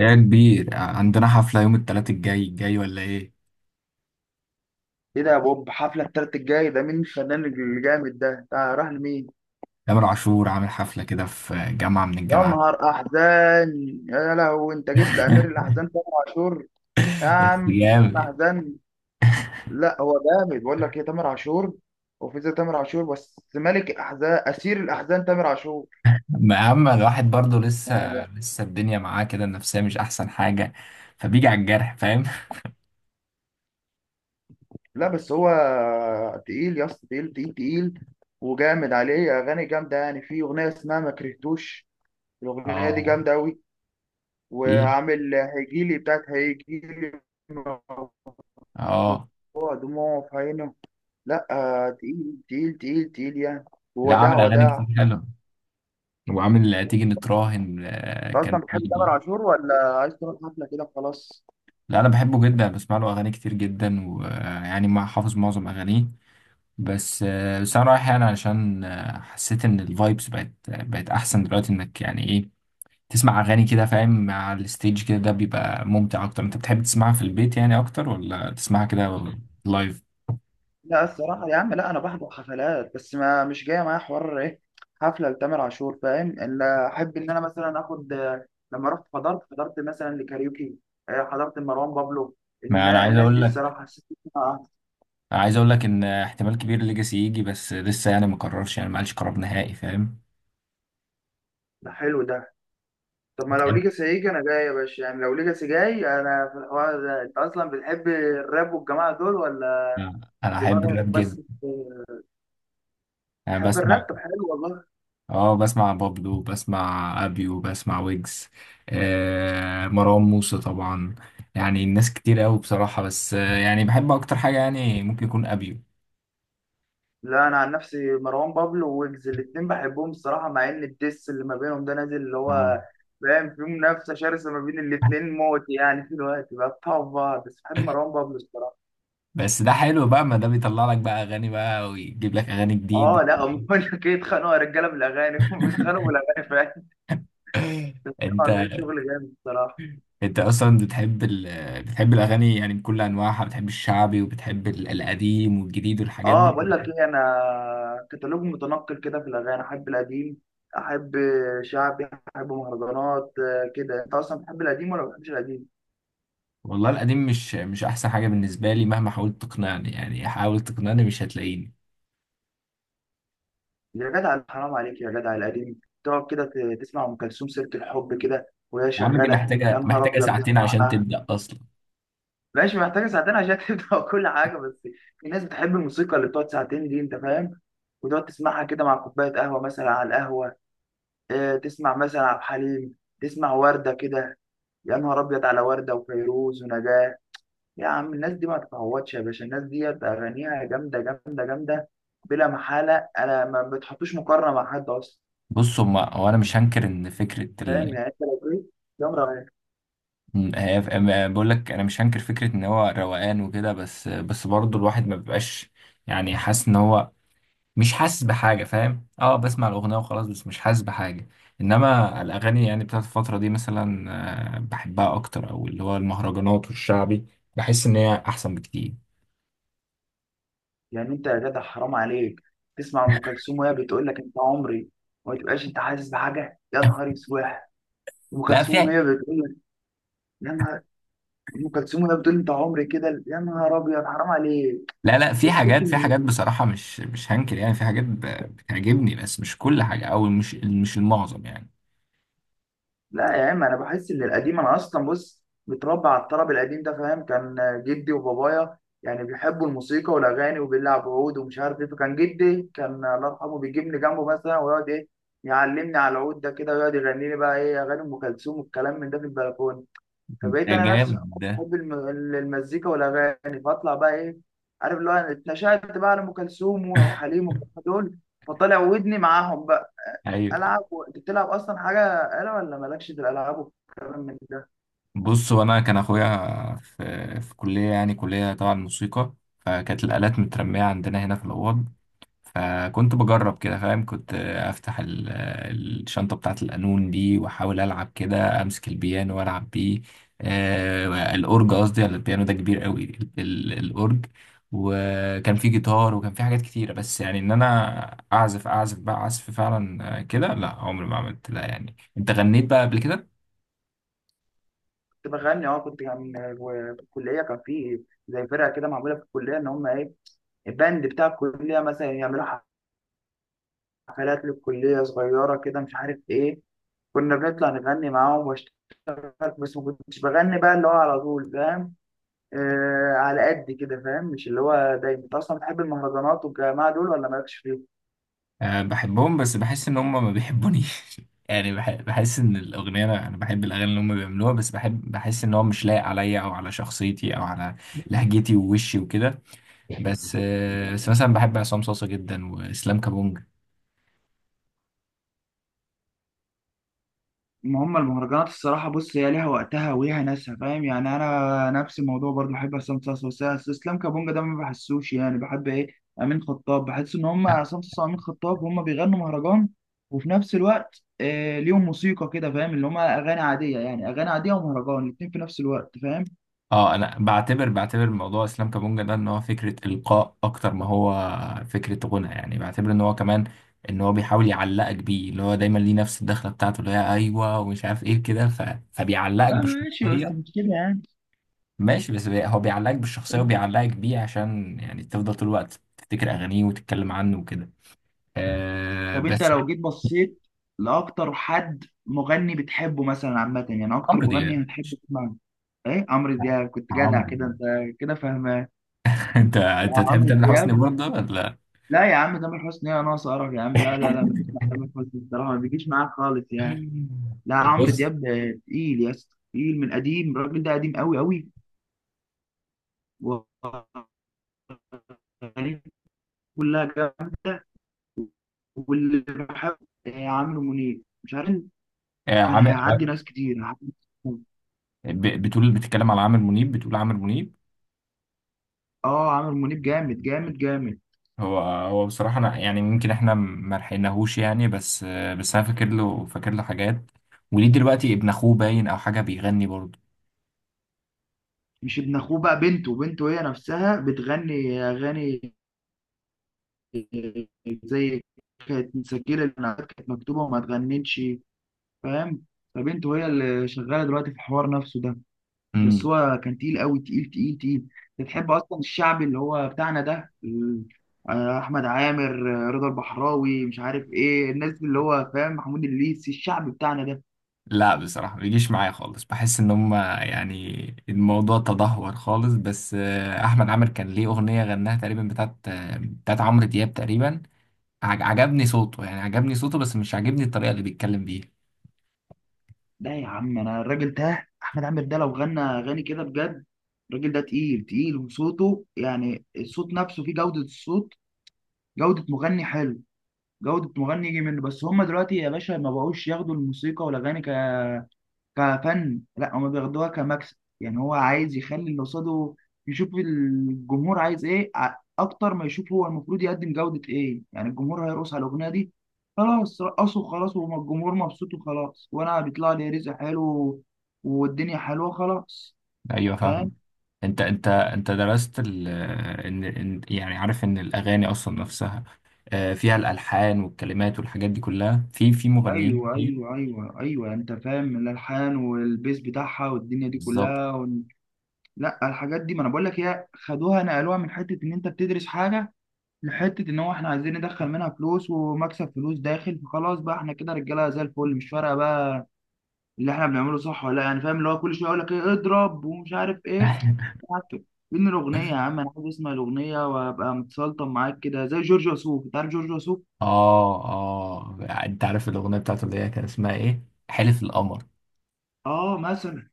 يا كبير، عندنا حفلة يوم التلات الجاي ولا ايه؟ ايه ده يا بوب؟ حفلة التالت الجاي ده مين الفنان الجامد ده؟ ده راح لمين؟ تامر عاشور عامل حفلة كده في جامعة من يا الجامعات. نهار احزان. يا لهوي، انت جيت لامير الاحزان تامر عاشور. يا بس عم، جامد. الاحزان. لا هو جامد، بقول لك ايه، تامر عاشور. وفي زي تامر عاشور؟ بس ملك الاحزان، اسير الاحزان، تامر عاشور. ما أهم، الواحد برضه لسه يعني، لسه الدنيا معاه كده، النفسية مش أحسن حاجة. فبيجي على الجرح، فاهم؟ لا بس هو تقيل يا اسطى، تقيل تقيل تقيل. وجامد، عليه اغاني جامده، يعني في اغنيه اسمها ما كرهتوش، الاغنيه دي اه. جامده قوي. في. وعامل هيجيلي، بتاعت هيجيلي، اه. موضوع دموع في عينه. لا، تقيل تقيل تقيل تقيل يعني، لا، ووداع عامل أغاني وداع. كتير حلوة. وعامل تيجي نتراهن، انت اصلا كان في. بتحب تامر عاشور، ولا عايز تروح حفله كده وخلاص؟ لا، أنا بحبه جدا، بسمع له أغاني كتير جدا، ويعني ما حافظ معظم أغانيه. بس انا رايح يعني علشان حسيت ان الفايبس بقت احسن دلوقتي، انك يعني ايه، تسمع اغاني كده، فاهم، مع الستيج كده ده بيبقى ممتع اكتر. انت بتحب تسمعها في البيت يعني اكتر ولا تسمعها كده لايف؟ لا الصراحه يا عم، لا انا بحضر حفلات، بس ما مش جايه معايا حوار ايه حفله لتامر عاشور. فاهم؟ ان احب ان انا مثلا اخد لما رحت حضرت مثلا لكاريوكي، حضرت مروان بابلو. ما انا عايز الناس اقول دي لك الصراحه حسيت إن أنا- آه، أنا عايز اقول لك ان احتمال كبير ليجاسي يجي، بس لسه يعني ما قررش، يعني ما قالش قرار نهائي، فاهم. ده حلو ده. طب ما لو تحب ليجاسي هيجي انا جاي يا باشا، يعني لو ليجاسي جاي انا في الحوار ده. انت اصلا بتحب الراب والجماعه دول ولا؟ انا احب دماغك الراب جدا. بس. انا بتحب بسمع الراب؟ طب حلو والله. اه بسمع بابلو، بسمع ابيو، بسمع ويجز، مروان موسى طبعا. يعني الناس كتير قوي بصراحة، بس يعني بحب اكتر حاجة يعني ممكن يكون ابيو. لا انا عن نفسي مروان بابلو وويجز الاتنين بحبهم الصراحه، مع ان الديس اللي ما بينهم ده نازل اللي آه. هو، فاهم، في منافسه شرسه ما بين الاتنين موت يعني، في الوقت بقى بتاعوا في بعض، بس بحب مروان بابلو الصراحه. بس ده حلو بقى، ما ده بيطلع لك بقى اغاني بقى، ويجيب لك اغاني جديدة. اه لا هم بقول لك ايه، اتخانقوا يا رجاله بالاغاني هم بيتخانقوا بالاغاني فعلا، عاملين انت شغل جامد الصراحه. انت اصلا بتحب بتحب الاغاني يعني بكل انواعها، بتحب الشعبي وبتحب القديم والجديد والحاجات اه دي؟ بقول لك ايه، انا كتالوج متنقل كده في الاغاني، احب القديم، احب شعبي، احب مهرجانات، كده. انت اصلا بتحب القديم ولا ما بتحبش القديم؟ والله القديم مش احسن حاجة بالنسبة لي، مهما حاولت تقنعني، يعني حاول تقنعني مش هتلاقيني. يا جدع حرام عليك يا جدع، القديم تقعد كده تسمع ام كلثوم، سيره الحب كده وهي يا عم، دي شغاله، يا محتاجة نهار محتاجة ابيض ساعتين عشان تسمع. تبدأ أصلا. ماشي، محتاجه ساعتين عشان تبدا كل حاجه، بس في ناس بتحب الموسيقى اللي بتقعد ساعتين دي، انت فاهم؟ وتقعد تسمعها كده مع كوبايه قهوه، مثلا على القهوه، تسمع مثلا عبد الحليم، تسمع ورده كده. يا نهار ابيض على ورده وفيروز ونجاة. يا عم الناس دي ما تتعوضش يا باشا، الناس دي اغانيها جامده جامده جامده، بلا محاله. انا ما بتحطوش مقارنه مع حد اصلا، بص، هما هو أنا مش هنكر إن فكرة فاهم ال، يعني؟ انت لو ايه، جمرة. إن هي أما بقول لك أنا مش هنكر فكرة إن هو روقان وكده، بس برضه الواحد ما بيبقاش يعني حاسس إن هو مش حاسس بحاجة، فاهم. بسمع الأغنية وخلاص، بس مش حاسس بحاجة. إنما الأغاني يعني بتاعت الفترة دي مثلا، بحبها أكتر، أو اللي هو المهرجانات والشعبي، بحس إن هي أحسن بكتير. يعني انت يا جدع حرام عليك، تسمع ام كلثوم وهي بتقول لك انت عمري، وما تبقاش انت حاسس بحاجه؟ يا نهار اسواح. ام لا، كلثوم فيها. وهي بتقول لك، يا نهار، ام كلثوم وهي بتقول انت عمري كده، يا نهار ابيض، حرام عليك. لا لا، في وتحس. حاجات في حاجات بصراحة، مش هنكر، يعني في حاجات بتعجبني، بس مش كل حاجة، أو مش المعظم يعني. لا يا عم انا بحس ان القديم، انا اصلا بص متربى على الطرب القديم ده، فاهم؟ كان جدي وبابايا يعني بيحبوا الموسيقى والاغاني وبيلعب عود ومش عارف ايه. فكان جدي، كان الله يرحمه، بيجيبني جنبه مثلا ويقعد ايه، يعلمني على العود ده كده، ويقعد يغني لي بقى ايه اغاني ام كلثوم والكلام من ده في البلكونه. فبقيت ده انا نفسي جامد ده. حب المزيكا والاغاني. فاطلع بقى ايه، عارف اللي هو، أنا اتنشأت بقى على ام كلثوم وعبد الحليم والجماعة دول، فطلع ودني معاهم بقى. أيوة. العب انت بتلعب اصلا حاجه، آلة، ولا مالكش في الالعاب والكلام من ده؟ بص، وأنا كان أخويا في كلية، يعني كلية طبعا موسيقى. فكانت الآلات مترمية عندنا هنا في الأوض. فكنت بجرب كده، فاهم، كنت افتح الشنطة بتاعت القانون دي، واحاول العب كده، امسك البيانو والعب بيه. الاورج قصدي، ولا البيانو ده كبير قوي الاورج. وكان في جيتار، وكان في حاجات كتيرة، بس يعني ان انا اعزف بقى عزف فعلا، كده لا، عمري ما عملت، لا يعني انت غنيت بقى قبل كده. كنت بغني، في الكليه، كان في زي فرقه كده معموله في الكليه، ان هم ايه الباند بتاع الكليه مثلا، يعملوا حفلات للكليه صغيره كده، مش عارف ايه. كنا بنطلع نغني معاهم واشتغل، بس ما كنتش بغني بقى اللي هو على طول، فاهم؟ آه على قد كده، فاهم؟ مش اللي هو دايما. انت اصلا بتحب المهرجانات والجماعه دول ولا مالكش أه، بحبهم، بس بحس ان هم ما بيحبونيش. يعني بحس ان الاغنيه، أنا بحب الاغاني اللي هم بيعملوها، بس بحس ان هو مش لايق عليا او على شخصيتي او على لهجتي ووشي وكده. فيهم؟ بس مثلا بحب عصام صاصا جدا واسلام كابونج. ما هم المهرجانات الصراحة بص هي ليها وقتها وليها ناسها، فاهم يعني؟ أنا نفس الموضوع برضو بحب عصام صاصا، بس إسلام كابونجا ده ما بحسوش. يعني بحب إيه، أمين خطاب. بحس إن هم عصام صاصا وأمين خطاب هم بيغنوا مهرجان، وفي نفس الوقت آه ليهم موسيقى كده، فاهم؟ اللي هم أغاني عادية، يعني أغاني عادية ومهرجان الاتنين في نفس الوقت، فاهم؟ اه، انا بعتبر موضوع اسلام كابونجا ده ان هو فكره القاء اكتر ما هو فكره غنى، يعني بعتبر ان هو كمان ان هو بيحاول يعلقك بيه، اللي هو دايما ليه نفس الدخله بتاعته اللي هي ايوه ومش عارف ايه كده. فبيعلقك لا ماشي بس بشخصيه. مش كده يعني. ماشي، بس هو بيعلقك بالشخصية وبيعلقك بيه، عشان يعني تفضل طول الوقت تفتكر أغانيه وتتكلم عنه وكده. طب انت بس. لو جيت بصيت لاكتر حد مغني بتحبه مثلا عامه، يعني اكتر عمرو دياب مغني هتحب ماشي. تسمعه؟ ايه، عمرو دياب، كنت جدع عمرو كده انت، كده فاهمان. أنت لا أنت تحب عمرو تامر حسني دياب. برضه، ولا؟ لا يا عم تامر حسني ايه ناقص قرف يا عم، لا لا لا، ما بسمع تامر حسني بصراحه، ما بيجيش معاك خالص يعني. لا عمرو بص. دياب ده تقيل يا اسطى تقيل، من قديم الراجل ده قديم قوي قوي، واغانيه كلها جامده. واللي بحب، عمرو منيب، مش عارف، كان عامر. هيعدي ناس كتير. بتتكلم على عامر منيب، بتقول عامر منيب. اه عامر منيب، جامد جامد جامد. هو بصراحة أنا يعني، يمكن إحنا ما لحقناهوش يعني، بس أنا فاكر له حاجات. وليه دلوقتي ابن أخوه باين، أو حاجة، بيغني برضه. مش ابن اخوه بقى، بنته، بنته هي نفسها بتغني اغاني زي، كانت مسجله النعات كانت مكتوبه وما تغنتش، فاهم؟ فبنته هي اللي شغاله دلوقتي في الحوار نفسه ده. بس هو كان تقيل قوي، تقيل تقيل تقيل. بتحب اصلا الشعبي اللي هو بتاعنا ده احمد عامر، رضا البحراوي، مش عارف ايه الناس اللي هو، فاهم، محمود الليثي، الشعب بتاعنا ده. لا، بصراحة ما بيجيش معايا خالص، بحس ان هما يعني الموضوع تدهور خالص، بس احمد عامر كان ليه اغنية غناها تقريبا بتاعت عمرو دياب تقريبا. عجبني صوته، يعني عجبني صوته، بس مش عجبني الطريقة اللي بيتكلم بيها. لا يا عم انا الراجل ده احمد عامر ده لو غنى اغاني كده بجد، الراجل ده تقيل تقيل، وصوته يعني الصوت نفسه فيه جودة الصوت، جودة مغني حلو، جودة مغني يجي منه. بس هما دلوقتي يا باشا ما بقوش ياخدوا الموسيقى والاغاني كفن، لا هما بياخدوها كمكسب، يعني هو عايز يخلي اللي قصاده يشوف الجمهور عايز ايه اكتر ما يشوف، هو المفروض يقدم جودة ايه. يعني الجمهور هيرقص على الاغنية دي، خلاص رقصوا خلاص، والجمهور مبسوط وخلاص، وانا بيطلع لي رزق حلو، والدنيا حلوه خلاص، ايوه، فاهمة. فاهم؟ انت درست ال آه، ان إن- يعني عارف ان الاغاني اصلا نفسها فيها الالحان والكلمات والحاجات دي كلها في مغنيين ايوه كتير. ايوه ايوه ايوه، يعني انت فاهم الالحان والبيس بتاعها والدنيا دي بالظبط. كلها، وال... لا الحاجات دي، ما انا بقول لك، هي خدوها نقلوها من حته ان انت بتدرس حاجه لحته ان هو احنا عايزين ندخل منها فلوس ومكسب، فلوس داخل، فخلاص بقى احنا كده رجاله زي الفل، مش فارقه بقى اللي احنا بنعمله صح ولا لا، يعني فاهم؟ اللي هو كل شويه يقول لك ايه، اضرب ومش عارف ايه. عك- فين الاغنيه يا عم، انا عايز اسمع الاغنيه وابقى متسلطن معاك كده زي جورج وسوف. انت عارف جورج وسوف؟ اه، اه، انت عارف الاغنيه بتاعته اللي هي كان اسمها ايه؟ حلف القمر. اه مثلا.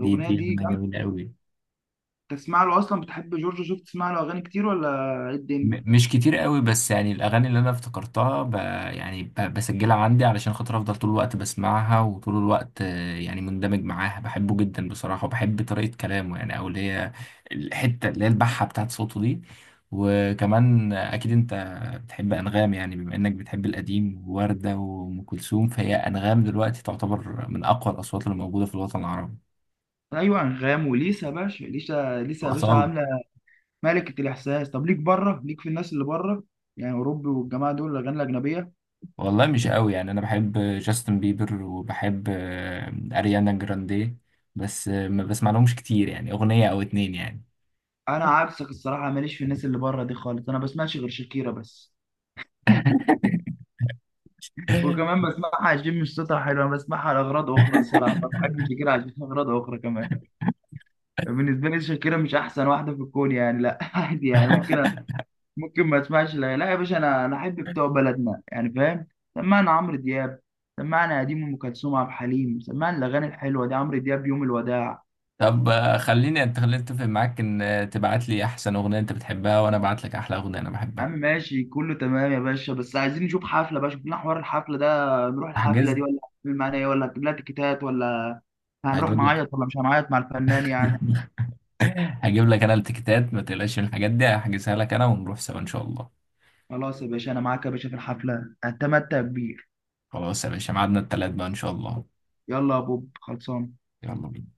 دي دي دي اغنيه جامده. جميله قوي. تسمع له اصلا؟ بتحب جورج وسوف؟ تسمع له اغاني كتير ولا ايه الدنيا؟ مش كتير قوي، بس يعني الاغاني اللي انا افتكرتها يعني بسجلها عندي علشان خاطر افضل طول الوقت بسمعها، وطول الوقت يعني مندمج معاها، بحبه جدا بصراحه، وبحب طريقه كلامه، يعني او اللي هي الحته اللي هي البحه بتاعت صوته دي. وكمان، اكيد انت بتحب انغام، يعني بما انك بتحب القديم ووردة وام كلثوم، فهي انغام دلوقتي تعتبر من اقوى الاصوات اللي موجوده في الوطن العربي. ايوه انغام وليسا يا باشا، ليسا ليسا يا باشا واصاله. عامله ملكة الإحساس. طب ليك بره؟ ليك في الناس اللي بره يعني، أوروبي والجماعة دول، الأغاني الأجنبية. والله مش قوي، يعني انا بحب جاستن بيبر، وبحب اريانا جراندي، بس ما بسمع لهمش كتير، يعني اغنية او اتنين يعني. أنا عكسك الصراحة، ماليش في الناس اللي بره دي خالص، أنا بسمعش غير شاكيرا بس وكمان بسمعها عشان مش صوتها حلو، أنا بسمعها لأغراض أخرى الصراحة، ما بحبش شاكيرا عشان أغراض أخرى كمان. بالنسبة لي شاكيرا مش أحسن واحدة في الكون يعني، لا عادي يعني، ممكن، ما أسمعش. لا لا يا باشا، أنا أحب بتوع بلدنا يعني، فاهم؟ سمعنا عمرو دياب، سمعنا قديم أم كلثوم عبد الحليم، سمعنا الأغاني الحلوة دي، عمرو دياب يوم الوداع. طب خليني خليني اتفق معاك ان تبعت لي احسن اغنية انت بتحبها، وانا ابعت لك احلى اغنية انا يا عم بحبها. ماشي كله تمام يا باشا، بس عايزين نشوف حفلة بقى، شوف لنا حوار الحفلة ده، نروح الحفلة هحجز. دي ولا هتعمل معانا ايه ولا هتجيب لها تيكيتات ولا؟ هنروح هجيب لك. نعيط ولا مش هنعيط مع الفنان يعني؟ هجيب لك انا التيكيتات، ما تقلقش من الحاجات دي، هحجزها لك انا ونروح سوا ان شاء الله. خلاص يا باشا انا معاك يا باشا في الحفلة، هتمتع كبير. خلاص يا باشا، ميعادنا التلات بقى ان شاء الله. يلا يا بوب، خلصان. يلا بينا.